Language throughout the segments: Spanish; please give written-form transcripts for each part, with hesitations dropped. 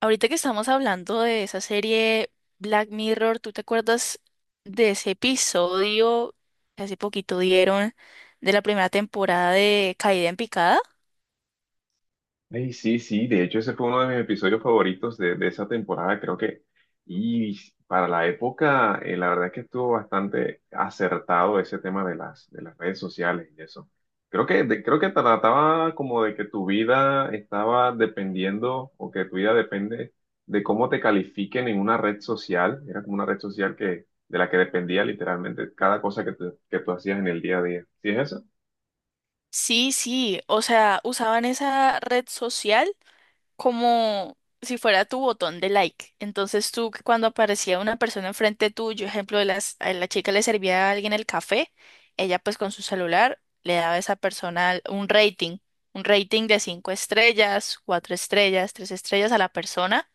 Ahorita que estamos hablando de esa serie Black Mirror, ¿tú te acuerdas de ese episodio que hace poquito dieron de la primera temporada de Caída en Picada? Ey, sí, sí, de hecho ese fue uno de mis episodios favoritos de esa temporada, creo que, y para la época, la verdad es que estuvo bastante acertado ese tema de las redes sociales y eso. Creo que, creo que trataba como de que tu vida estaba dependiendo o que tu vida depende de cómo te califiquen en una red social. Era como una red social de la que dependía literalmente cada cosa que tú hacías en el día a día. ¿Sí es eso? Sí, sí, o sea, usaban esa red social como si fuera tu botón de like. Entonces tú cuando aparecía una persona enfrente tuyo, ejemplo, de a la chica le servía a alguien el café, ella pues con su celular le daba a esa persona un rating de 5 estrellas, 4 estrellas, 3 estrellas a la persona,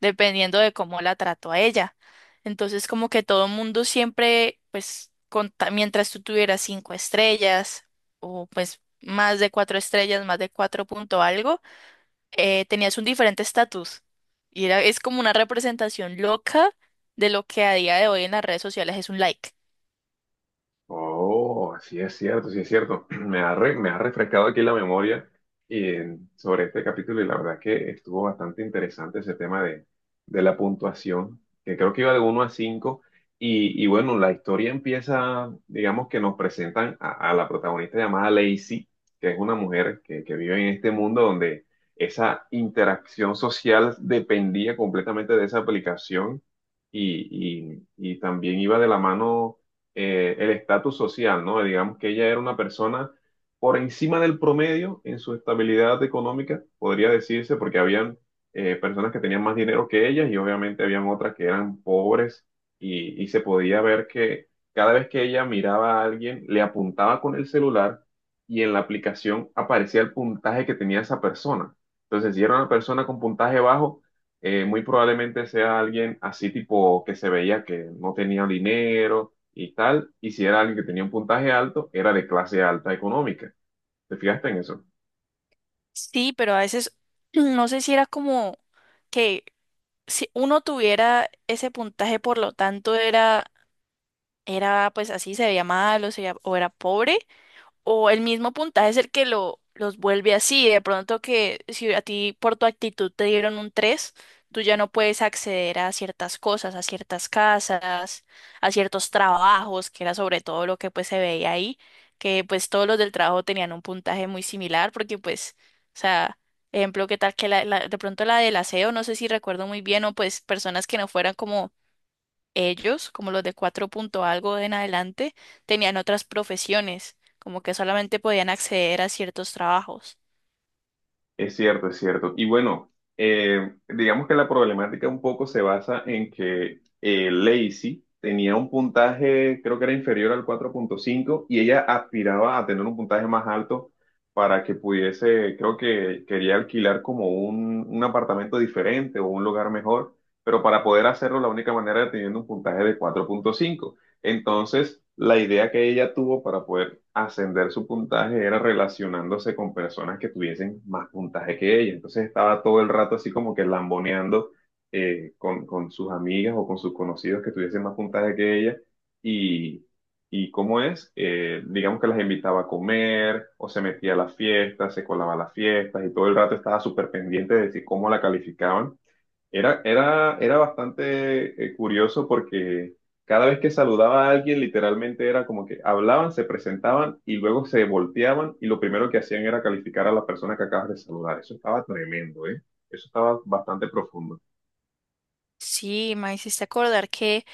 dependiendo de cómo la trató a ella. Entonces como que todo el mundo siempre, pues mientras tú tuvieras 5 estrellas o pues más de 4 estrellas, más de cuatro punto algo, tenías un diferente estatus. Y era, es como una representación loca de lo que a día de hoy en las redes sociales es un like. Oh, sí es cierto, sí es cierto. Me ha refrescado aquí la memoria sobre este capítulo, y la verdad que estuvo bastante interesante ese tema de la puntuación, que creo que iba de uno a 5 y bueno, la historia empieza, digamos que nos presentan a la protagonista llamada Lacey, que es una mujer que vive en este mundo donde esa interacción social dependía completamente de esa aplicación y, y también iba de la mano el estatus social, ¿no? Digamos que ella era una persona por encima del promedio en su estabilidad económica, podría decirse, porque habían personas que tenían más dinero que ellas y obviamente habían otras que eran pobres y se podía ver que cada vez que ella miraba a alguien, le apuntaba con el celular, y en la aplicación aparecía el puntaje que tenía esa persona. Entonces, si era una persona con puntaje bajo, muy probablemente sea alguien así tipo que se veía que no tenía dinero y tal, y si era alguien que tenía un puntaje alto, era de clase alta económica. ¿Te fijaste en eso? Sí, pero a veces no sé si era como que si uno tuviera ese puntaje, por lo tanto era, era pues así, se veía mal o, o era pobre, o el mismo puntaje es el que lo, los vuelve así. De pronto que si a ti por tu actitud te dieron un 3, tú ya no puedes acceder a ciertas cosas, a ciertas casas, a ciertos trabajos, que era sobre todo lo que pues se veía ahí, que pues todos los del trabajo tenían un puntaje muy similar porque pues, o sea, ejemplo, qué tal que de pronto la del aseo, no sé si recuerdo muy bien, o pues personas que no fueran como ellos, como los de cuatro punto algo en adelante, tenían otras profesiones, como que solamente podían acceder a ciertos trabajos. Es cierto, es cierto. Y bueno, digamos que la problemática un poco se basa en que Lacey tenía un puntaje, creo que era inferior al 4.5, y ella aspiraba a tener un puntaje más alto para que pudiese, creo que quería alquilar como un apartamento diferente o un lugar mejor, pero para poder hacerlo la única manera era teniendo un puntaje de 4.5. Entonces, la idea que ella tuvo para poder ascender su puntaje era relacionándose con personas que tuviesen más puntaje que ella. Entonces estaba todo el rato así como que lamboneando con sus amigas o con sus conocidos que tuviesen más puntaje que ella. Y, y cómo es, digamos que las invitaba a comer o se metía a las fiestas, se colaba a las fiestas y todo el rato estaba súper pendiente de decir cómo la calificaban. Era bastante curioso porque cada vez que saludaba a alguien, literalmente era como que hablaban, se presentaban y luego se volteaban, y lo primero que hacían era calificar a la persona que acabas de saludar. Eso estaba tremendo, ¿eh? Eso estaba bastante profundo. Sí, me hiciste acordar que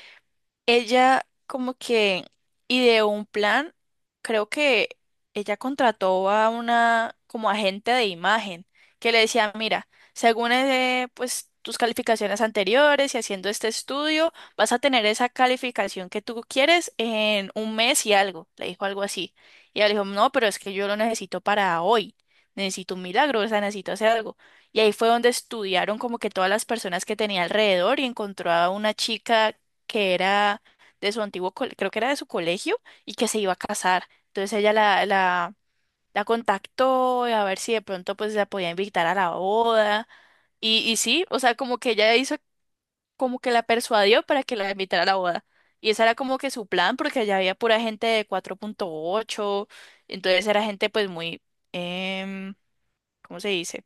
ella como que ideó un plan, creo que ella contrató a una como agente de imagen que le decía, mira, según pues tus calificaciones anteriores y haciendo este estudio, vas a tener esa calificación que tú quieres en un mes y algo, le dijo algo así. Y ella le dijo, no, pero es que yo lo necesito para hoy, necesito un milagro, o sea, necesito hacer algo. Y ahí fue donde estudiaron como que todas las personas que tenía alrededor y encontró a una chica que era de su antiguo, creo que era de su colegio, y que se iba a casar. Entonces ella la contactó a ver si de pronto pues la podía invitar a la boda. Y sí, o sea, como que ella hizo, como que la persuadió para que la invitara a la boda. Y ese era como que su plan, porque allá había pura gente de 4,8, entonces era gente pues muy, em, ¿cómo se dice?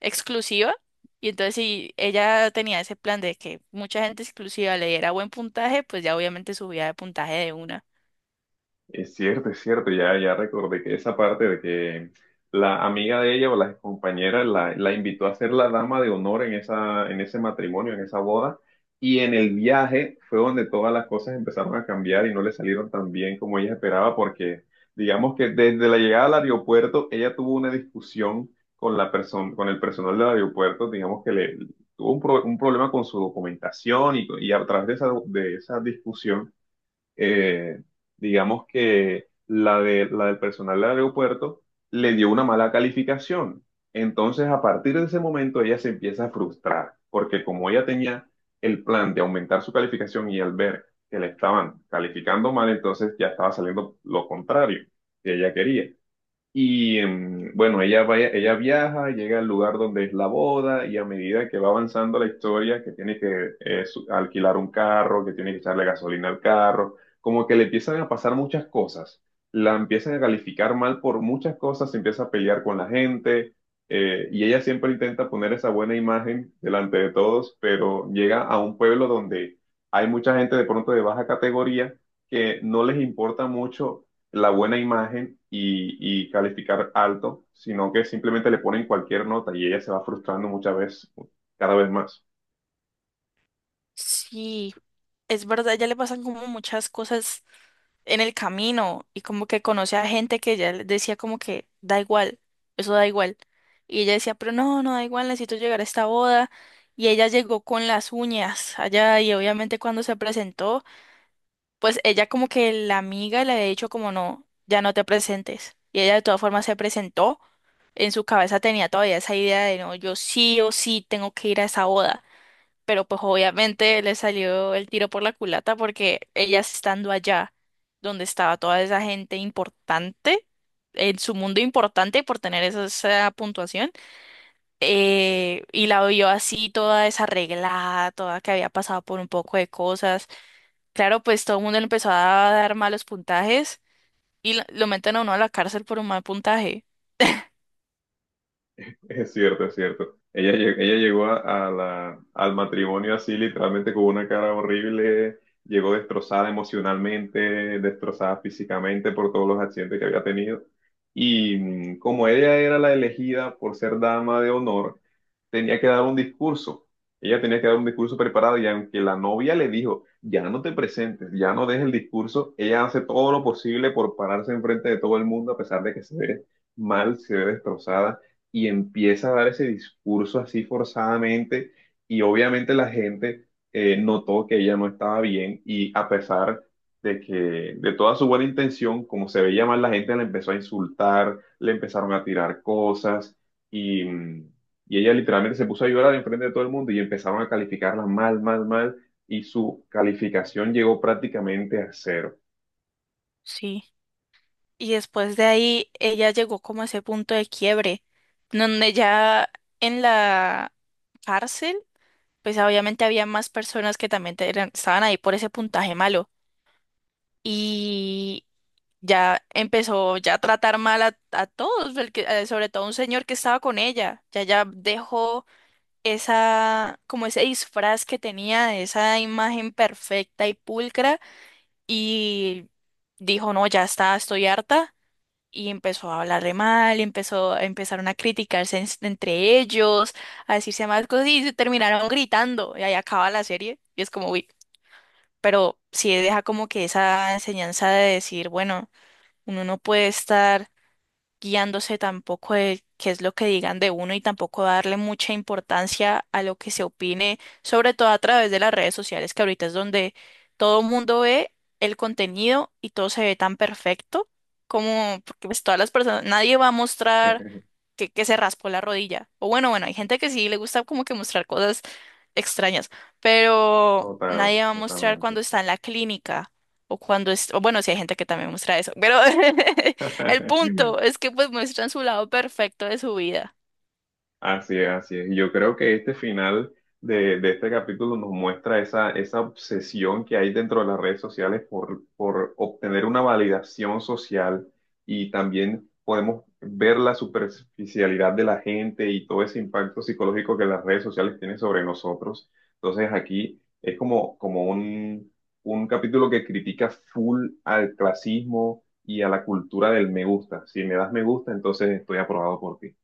Exclusiva. Y entonces si ella tenía ese plan de que mucha gente exclusiva le diera buen puntaje, pues ya obviamente subía de puntaje de una. Es cierto, ya, ya recordé que esa parte de que la amiga de ella o la compañera la invitó a ser la dama de honor en esa, en ese matrimonio, en esa boda, y en el viaje fue donde todas las cosas empezaron a cambiar y no le salieron tan bien como ella esperaba, porque digamos que desde la llegada al aeropuerto ella tuvo una discusión con la persona, con el personal del aeropuerto. Digamos que le tuvo un problema con su documentación, y a través de esa discusión, eh, digamos que la del personal del aeropuerto le dio una mala calificación. Entonces, a partir de ese momento, ella se empieza a frustrar, porque como ella tenía el plan de aumentar su calificación, y al ver que le estaban calificando mal, entonces ya estaba saliendo lo contrario que ella quería. Y bueno, ella viaja, llega al lugar donde es la boda, y a medida que va avanzando la historia, que tiene que alquilar un carro, que tiene que echarle gasolina al carro, como que le empiezan a pasar muchas cosas. La empiezan a calificar mal por muchas cosas, se empieza a pelear con la gente, y ella siempre intenta poner esa buena imagen delante de todos, pero llega a un pueblo donde hay mucha gente de pronto de baja categoría que no les importa mucho la buena imagen y calificar alto, sino que simplemente le ponen cualquier nota, y ella se va frustrando muchas veces, cada vez más. Sí, es verdad, ya le pasan como muchas cosas en el camino y como que conoce a gente que ya le decía como que da igual, eso da igual. Y ella decía, pero no, no da igual, necesito llegar a esta boda. Y ella llegó con las uñas allá y obviamente cuando se presentó, pues ella como que la amiga le había dicho como no, ya no te presentes. Y ella de todas formas se presentó. En su cabeza tenía todavía esa idea de no, yo sí o sí tengo que ir a esa boda. Pero pues obviamente le salió el tiro por la culata porque ella estando allá donde estaba toda esa gente importante, en su mundo importante por tener esa, esa puntuación, y la vio así toda desarreglada, toda que había pasado por un poco de cosas. Claro, pues todo el mundo le empezó a dar malos puntajes y lo meten a uno a la cárcel por un mal puntaje. Es cierto, es cierto. Ella llegó al matrimonio así, literalmente con una cara horrible, llegó destrozada emocionalmente, destrozada físicamente por todos los accidentes que había tenido. Y como ella era la elegida por ser dama de honor, tenía que dar un discurso. Ella tenía que dar un discurso preparado, y aunque la novia le dijo, ya no te presentes, ya no des el discurso, ella hace todo lo posible por pararse enfrente de todo el mundo a pesar de que se ve mal, se ve destrozada, y empieza a dar ese discurso así forzadamente, y obviamente la gente notó que ella no estaba bien, y a pesar de que de toda su buena intención, como se veía mal, la gente la empezó a insultar, le empezaron a tirar cosas y, y ella literalmente se puso a llorar enfrente de todo el mundo y empezaron a calificarla mal, mal, mal, y su calificación llegó prácticamente a cero. Sí. Y después de ahí ella llegó como a ese punto de quiebre, donde ya en la cárcel, pues obviamente había más personas que también estaban ahí por ese puntaje malo. Y ya empezó ya a tratar mal a todos, sobre todo a un señor que estaba con ella. Ya ya dejó esa, como ese disfraz que tenía, de esa imagen perfecta y pulcra, y dijo, no, ya está, estoy harta, y empezó a hablarle mal, empezaron a criticarse entre ellos, a decirse más cosas, y se terminaron gritando, y ahí acaba la serie, y es como, uy, pero sí deja como que esa enseñanza de decir, bueno, uno no puede estar guiándose tampoco de qué es lo que digan de uno y tampoco darle mucha importancia a lo que se opine, sobre todo a través de las redes sociales, que ahorita es donde todo el mundo ve el contenido y todo se ve tan perfecto como porque pues todas las personas, nadie va a mostrar que se raspó la rodilla. O bueno, bueno, hay gente que sí le gusta como que mostrar cosas extrañas, pero Total, nadie va a mostrar totalmente. cuando está en la clínica o cuando es, o bueno, sí hay gente que también muestra eso, pero el punto es que pues muestran su lado perfecto de su vida. Así es, así es. Y yo creo que este final de este capítulo nos muestra esa obsesión que hay dentro de las redes sociales por obtener una validación social, y también podemos ver la superficialidad de la gente y todo ese impacto psicológico que las redes sociales tienen sobre nosotros. Entonces aquí es como un capítulo que critica full al clasismo y a la cultura del me gusta. Si me das me gusta, entonces estoy aprobado por ti.